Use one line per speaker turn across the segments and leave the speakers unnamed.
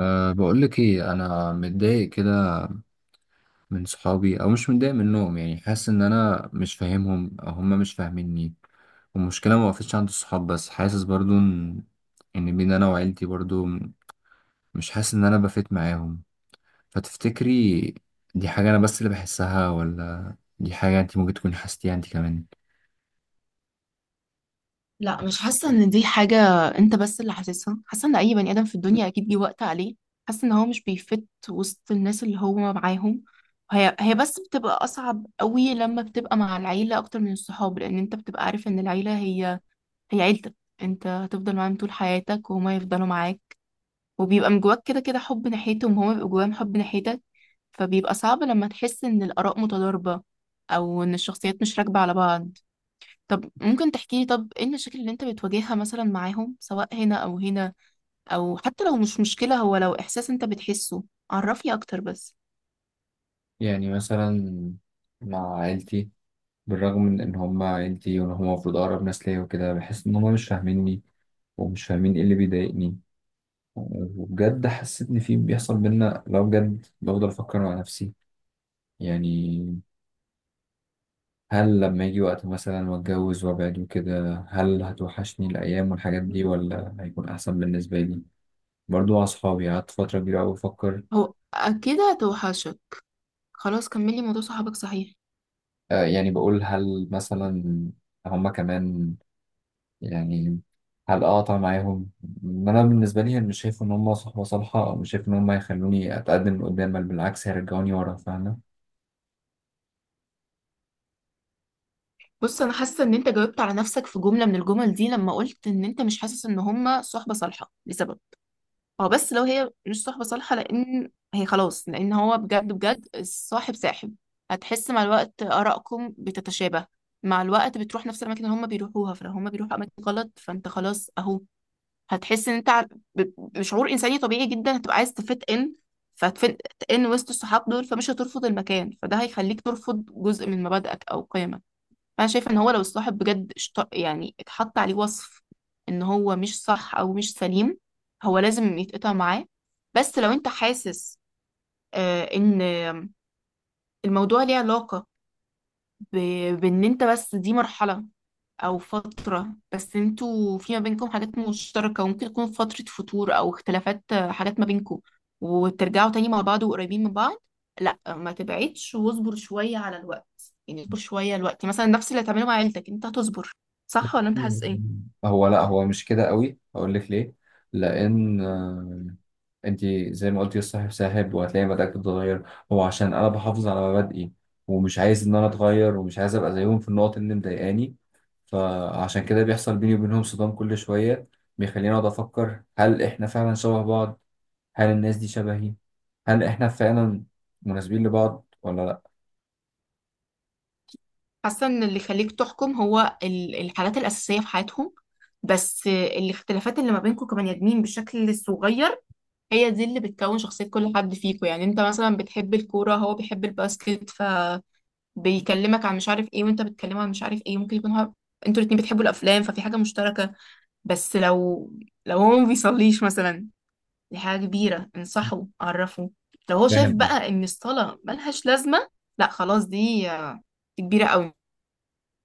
بقولك ايه، انا متضايق كده من صحابي او مش متضايق منهم، يعني حاسس ان انا مش فاهمهم او هم مش فاهميني. والمشكله ما وقفتش عند الصحاب بس، حاسس برضو ان بين انا وعيلتي برضو مش حاسس ان انا بفيت معاهم. فتفتكري دي حاجه انا بس اللي بحسها، ولا دي حاجه انت ممكن تكون حسيتيها انت كمان؟
لا، مش حاسة ان دي حاجة. انت بس اللي حاسسها. حاسة ان اي بني ادم في الدنيا اكيد جه وقت عليه، حاسة ان هو مش بيفت وسط الناس اللي هو معاهم. هي بس بتبقى اصعب قوي لما بتبقى مع العيلة اكتر من الصحاب، لان انت بتبقى عارف ان العيلة هي عيلتك. انت هتفضل معاهم طول حياتك وهما يفضلوا معاك، وبيبقى من جواك كده كده حب ناحيتهم، وهما بيبقوا جواهم حب ناحيتك. فبيبقى صعب لما تحس ان الاراء متضاربة، او ان الشخصيات مش راكبة على بعض. طب ممكن تحكي لي؟ طب ايه المشاكل اللي انت بتواجهها مثلا معاهم، سواء هنا او هنا، او حتى لو مش مشكلة، هو لو احساس انت بتحسه، عرفني اكتر بس.
يعني مثلا مع عيلتي، بالرغم من ان هم عيلتي وان هم المفروض اقرب ناس ليا وكده، بحس ان هم مش فاهميني ومش فاهمين ايه اللي بيضايقني. وبجد حسيت ان في بيحصل بينا، لو بجد بفضل افكر مع نفسي، يعني هل لما يجي وقت مثلا واتجوز وابعد وكده هل هتوحشني الايام والحاجات دي ولا هيكون احسن بالنسبه لي؟ برضو مع اصحابي قعدت فتره كبيره قوي بفكر.
هو اكيد هتوحشك. خلاص كملي موضوع صحابك، صحيح.
يعني بقول هل مثلا هما كمان، يعني هل اقطع معاهم؟ إن انا بالنسبه لي مش شايف ان هما صحبه صالحه، او مش شايف ان هما يخلوني اتقدم قدام، بل بالعكس هيرجعوني ورا، فاهمه؟
بص، انا حاسه ان انت جاوبت على نفسك في جمله من الجمل دي، لما قلت ان انت مش حاسس ان هما صحبه صالحه لسبب. اه بس لو هي مش صحبة صالحة، لأن هي خلاص، لأن هو بجد بجد الصاحب ساحب. هتحس مع الوقت آرائكم بتتشابه، مع الوقت بتروح نفس الأماكن اللي هما بيروحوها، فلو هما بيروحوا أماكن غلط فأنت خلاص أهو. هتحس إن أنت بشعور إنساني طبيعي جدا، هتبقى عايز تفت إن فتفت إن وسط الصحاب دول، فمش هترفض المكان، فده هيخليك ترفض جزء من مبادئك أو قيمك. انا شايفه ان هو لو الصاحب بجد يعني اتحط عليه وصف ان هو مش صح او مش سليم، هو لازم يتقطع معاه. بس لو انت حاسس ان الموضوع ليه علاقه بان انت، بس دي مرحله او فترة، بس انتوا في ما بينكم حاجات مشتركة، وممكن يكون فترة فتور او اختلافات، حاجات ما بينكم، وترجعوا تاني مع بعض وقريبين من بعض. لا ما تبعدش واصبر شوية على الوقت، يعني اصبر شوية الوقت مثلا، نفس اللي هتعمله مع عيلتك انت هتصبر. صح ولا انت حاسس ايه؟
هو لا، هو مش كده قوي. اقول لك ليه؟ لان انت زي ما قلتي الصاحب ساحب، وهتلاقي مبادئك بتتغير. هو عشان انا بحافظ على مبادئي، ومش عايز ان انا اتغير، ومش عايز ابقى زيهم في النقط اللي مضايقاني، فعشان كده بيحصل بيني وبينهم صدام كل شويه بيخليني اقعد افكر: هل احنا فعلا شبه بعض؟ هل الناس دي شبهي؟ هل احنا فعلا مناسبين لبعض ولا لا؟
حاسة ان اللي يخليك تحكم هو الحاجات الأساسية في حياتهم. بس الاختلافات اللي ما بينكم كبني ادمين بشكل صغير هي دي اللي بتكون شخصية كل حد فيكم. يعني انت مثلا بتحب الكورة، هو بيحب الباسكت، ف بيكلمك عن مش عارف ايه، وانت بتكلمه عن مش عارف ايه، ممكن يكون هو، انتوا الاتنين بتحبوا الافلام، ففي حاجه مشتركه. بس لو هو ما بيصليش مثلا، دي حاجه كبيره، انصحه عرفه. لو هو شايف
فاهم.
بقى ان الصلاه ملهاش لازمه، لا خلاص، دي كبيره قوي.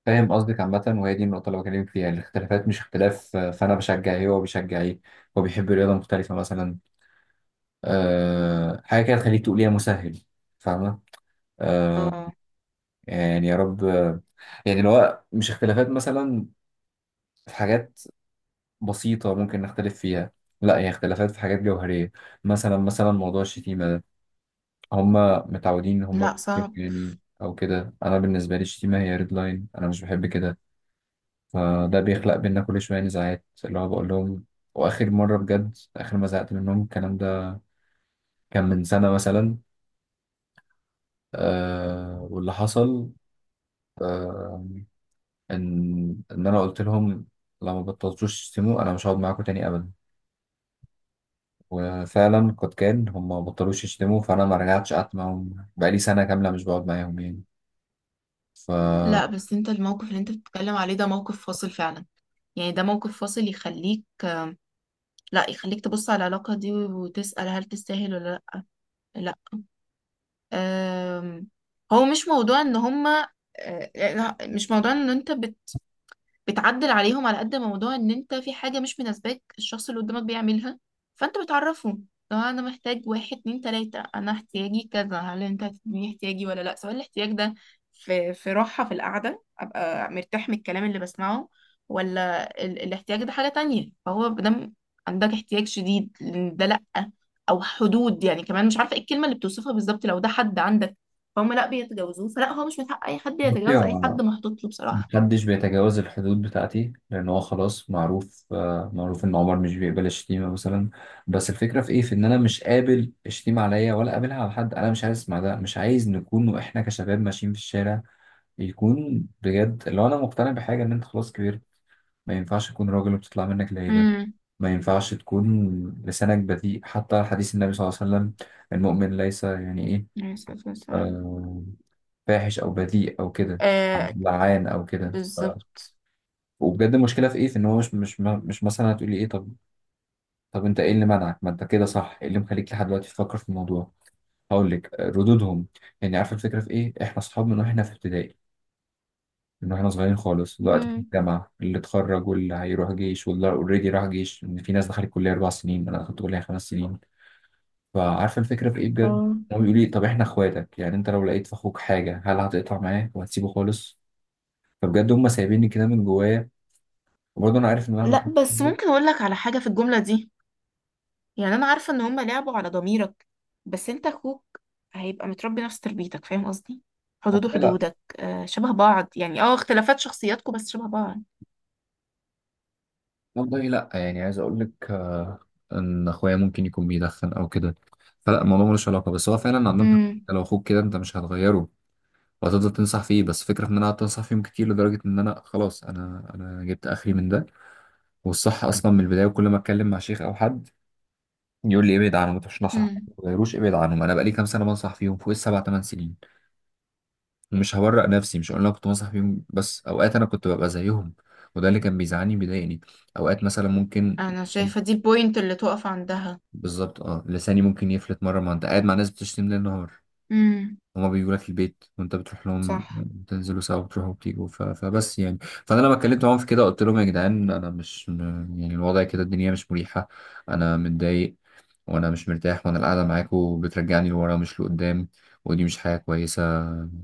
فاهم قصدك عامة، وهي دي النقطة اللي بكلمك فيها: الاختلافات مش اختلاف فأنا بشجع إيه وهو بيشجع إيه. هو بيحب رياضة مختلفة مثلا، أه حاجة كده تخليك تقول يا مسهل. فاهمة؟ أه.
آه،
يعني يا رب يعني لو هو مش اختلافات مثلا في حاجات بسيطة ممكن نختلف فيها، لا هي اختلافات في حاجات جوهرية. مثلا موضوع الشتيمة ده، هما متعودين إن هما
لا صعب.
بيشتموا يعني أو كده. أنا بالنسبة لي الشتيمة هي ريد لاين، أنا مش بحب كده، فده بيخلق بينا كل شوية نزاعات اللي هو بقول لهم. وآخر مرة بجد، آخر ما زعقت منهم الكلام ده كان من سنة مثلا. واللي حصل آه إن أنا قلت لهم: لو ما بطلتوش تشتموا أنا مش هقعد معاكم تاني أبدا. وفعلا قد كان، هم ما بطلوش يشتموا، فأنا ما رجعتش قعدت معاهم، بقالي سنة كاملة مش بقعد معاهم يعني. ف
لا بس انت الموقف اللي انت بتتكلم عليه ده موقف فاصل فعلا، يعني ده موقف فاصل يخليك، لا يخليك تبص على العلاقه دي وتسال هل تستاهل ولا لا. آم، هو مش موضوع ان هما، يعني مش موضوع ان انت بتعدل عليهم على قد ما موضوع ان انت في حاجة مش مناسباك الشخص اللي قدامك بيعملها، فانت بتعرفه. لو انا محتاج واحد اتنين تلاتة، انا احتياجي كذا، هل انت هتديني احتياجي ولا لا؟ سواء الاحتياج ده في راحة في القعدة ابقى مرتاح من الكلام اللي بسمعه، ولا الاحتياج ده حاجة تانية، فهو بدم عندك احتياج شديد لإن ده لا، او حدود، يعني كمان مش عارفة ايه الكلمة اللي بتوصفها بالظبط. لو ده حد عندك فهم لا بيتجاوزوه، فلا هو مش من حق اي حد يتجاوز اي حد محطوط له بصراحة.
محدش بيتجاوز الحدود بتاعتي، لأن هو خلاص معروف إن عمر مش بيقبل الشتيمة مثلا. بس الفكرة في إيه؟ في إن أنا مش قابل الشتيمة عليا ولا قابلها على حد، أنا مش عايز أسمع ده، مش عايز نكون وإحنا كشباب ماشيين في الشارع يكون بجد. لو أنا مقتنع بحاجة إن أنت خلاص كبرت، ما ينفعش تكون راجل وبتطلع منك لعيبة،
امم.
ما ينفعش تكون لسانك بذيء. حتى حديث النبي صلى الله عليه وسلم: المؤمن ليس، يعني إيه،
عليه الصلاة والسلام.
آه، فاحش أو بذيء أو كده
آه.
لعان أو كده.
بالظبط.
وبجد المشكله في ايه؟ في ان هو مش مثلا هتقولي ايه؟ طب انت ايه اللي منعك، ما انت كده صح، ايه اللي مخليك لحد دلوقتي تفكر في الموضوع؟ هقول لك، ردودهم. يعني عارفه الفكره في ايه؟ احنا اصحاب من واحنا في ابتدائي، من واحنا صغيرين خالص. دلوقتي في
مم.
الجامعه، اللي اتخرج واللي هيروح جيش واللي اوريدي راح جيش، ان في ناس دخلت كليه 4 سنين انا دخلت كليه 5 سنين. فعارفه الفكره في ايه بجد؟
اه.
هو بيقول لي: طب احنا اخواتك، يعني انت لو لقيت في اخوك حاجه هل هتقطع معاه وهتسيبه خالص؟ فبجد هم سايبيني كده من جوايا. وبرضه انا عارف ان مهما
لا بس ممكن اقول لك على حاجة في الجملة دي؟ يعني انا عارفة ان هما لعبوا على ضميرك. بس انت اخوك هيبقى متربي نفس تربيتك، فاهم قصدي؟ حدوده
كنت،
حدودك، آه شبه بعض، يعني اه اختلافات شخصياتكم بس شبه بعض.
والله لا، يعني عايز اقول لك ان اخويا ممكن يكون بيدخن او كده، فلا الموضوع ملوش علاقه، بس هو فعلا عندهم حق.
امم.
انت لو اخوك كده انت مش هتغيره، وهتفضل تنصح فيه. بس فكره ان انا قعدت انصح فيهم كتير لدرجه ان انا خلاص، انا جبت اخري من ده. والصح اصلا من البدايه، وكل ما اتكلم مع شيخ او حد يقول لي ابعد عنهم، ما تروحش نصح، ما
امم.
تغيروش ابعد عنهم. انا بقالي كام سنه بنصح فيهم، فوق السبع ثمان سنين. ومش هورق نفسي، مش هقول انا كنت بنصح فيهم بس، اوقات انا كنت ببقى زيهم، وده اللي كان بيزعلني بيضايقني. اوقات مثلا ممكن،
انا شايفة دي البوينت اللي تقف عندها.
بالظبط. اه لساني ممكن يفلت مرة، ما انت قاعد مع ناس بتشتم ليل نهار،
امم.
هما بيجوا لك البيت وانت بتروح لهم،
صح.
بتنزلوا سوا، بتروحوا وبتيجوا فبس يعني. فانا لما اتكلمت معاهم في كده قلت لهم: يا جدعان انا مش يعني الوضع كده الدنيا مش مريحة. انا متضايق، وانا مش مرتاح، وانا القعده معاكوا بترجعني لورا مش لقدام، ودي مش حاجه كويسه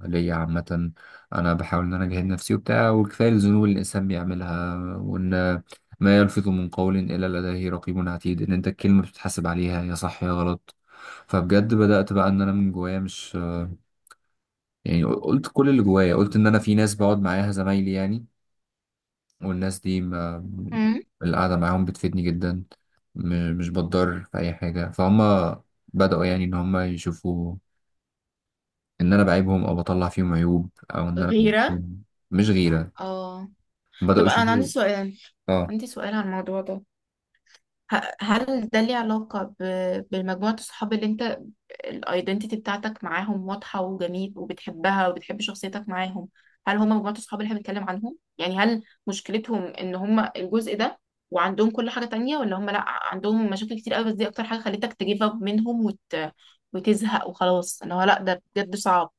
ليا عامه. انا بحاول ان انا اجاهد نفسي وبتاع، وكفايه الذنوب اللي الانسان بيعملها، وان ما يلفظ من قول الا لديه رقيب عتيد، ان انت الكلمه بتتحاسب عليها يا صح يا غلط. فبجد بدات بقى ان انا من جوايا مش، يعني قلت كل اللي جوايا، قلت ان انا في ناس بقعد معاها زمايلي يعني، والناس دي، ما
مم.
القعدة معاهم بتفيدني جدا، مش بتضر في أي حاجة. فهم بدأوا يعني إن هم يشوفوا إن أنا بعيبهم أو بطلع فيهم عيوب أو إن أنا
غيرة.
بكون-. مش غيرة،
اه.
بدأوا
طب انا
يشوفوا. آه.
عندي سؤال على الموضوع ده. هل ده ليه علاقة بمجموعة الصحاب اللي انت الايدنتيتي بتاعتك معاهم واضحة وجميل، وبتحبها وبتحب شخصيتك معاهم؟ هل هم مجموعة الصحاب اللي احنا بنتكلم عنهم؟ يعني هل مشكلتهم ان هم الجزء ده وعندهم كل حاجة تانية، ولا هم لا عندهم مشاكل كتير قوي، بس دي اكتر حاجة خلتك تجيب اب منهم وتزهق وخلاص ان هو لا ده بجد صعب.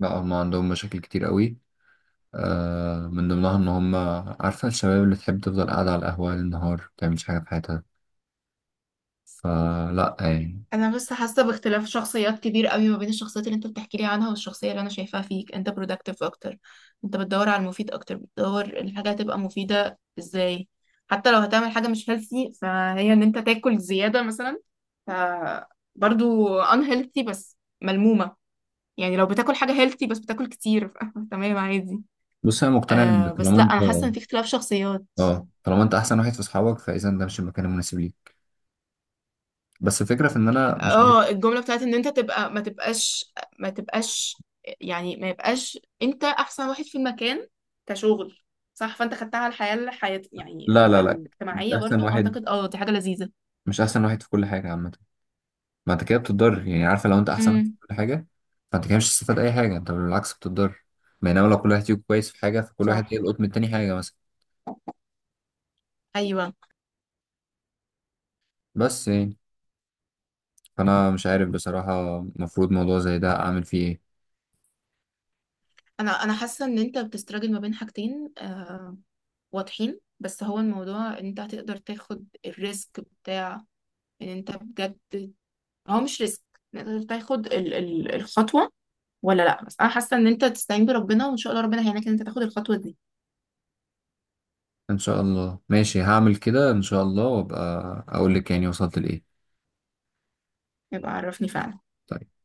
لا، هم عندهم مشاكل كتير قوي، من ضمنها إن هم عارفة الشباب اللي تحب تفضل قاعدة على القهوة للنهار ما بتعملش حاجة في حياتها. فلا يعني.
انا بس حاسه باختلاف شخصيات كبير قوي ما بين الشخصيات اللي انت بتحكي لي عنها والشخصيه اللي انا شايفاها فيك، انت productive اكتر. انت بتدور على المفيد اكتر، بتدور الحاجه هتبقى مفيده ازاي. حتى لو هتعمل حاجه مش healthy، فهي ان انت تاكل زياده مثلا، ف برضو unhealthy، بس ملمومه. يعني لو بتاكل حاجه healthy بس بتاكل كتير تمام عادي.
بص أنا مقتنع إن
آه بس
طالما
لا
أنت
انا حاسه ان في اختلاف شخصيات.
آه طالما أنت أحسن واحد في أصحابك، فإذا ده مش المكان المناسب ليك. بس الفكرة في إن أنا مش.
اه الجملة بتاعت ان انت تبقى ما تبقاش، ما تبقاش يعني ما يبقاش انت احسن واحد في المكان كشغل. صح. فانت خدتها على الحياة، يعني
لا لا لا، مش
الاجتماعية،
احسن
برضو
واحد،
اعتقد، اه دي حاجة لذيذة.
مش احسن واحد في كل حاجه عامه. ما انت كده بتضر، يعني عارفه لو انت احسن واحد في
امم.
كل حاجه فانت كده مش هتستفاد اي حاجه، انت بالعكس بتضر. بينما لو كل واحد فيكم كويس في حاجه فكل واحد
صح.
يلقط من التاني حاجه مثلا،
ايوه.
بس يعني. فانا مش عارف بصراحه المفروض موضوع زي ده اعمل فيه ايه.
انا حاسة ان انت بتستراجل ما بين حاجتين، آه واضحين. بس هو الموضوع ان انت هتقدر تاخد الريسك بتاع ان انت بجد، هو مش ريسك، إن انت تاخد الخطوة، ولا لا بس انا حاسه ان انت تستعين بربنا وان شاء الله ربنا هيعينك ان انت تاخد الخطوه دي.
ان شاء الله ماشي، هعمل كده ان شاء الله، وابقى اقول لك يعني وصلت لايه.
يبقى عرفني فعلا.
طيب.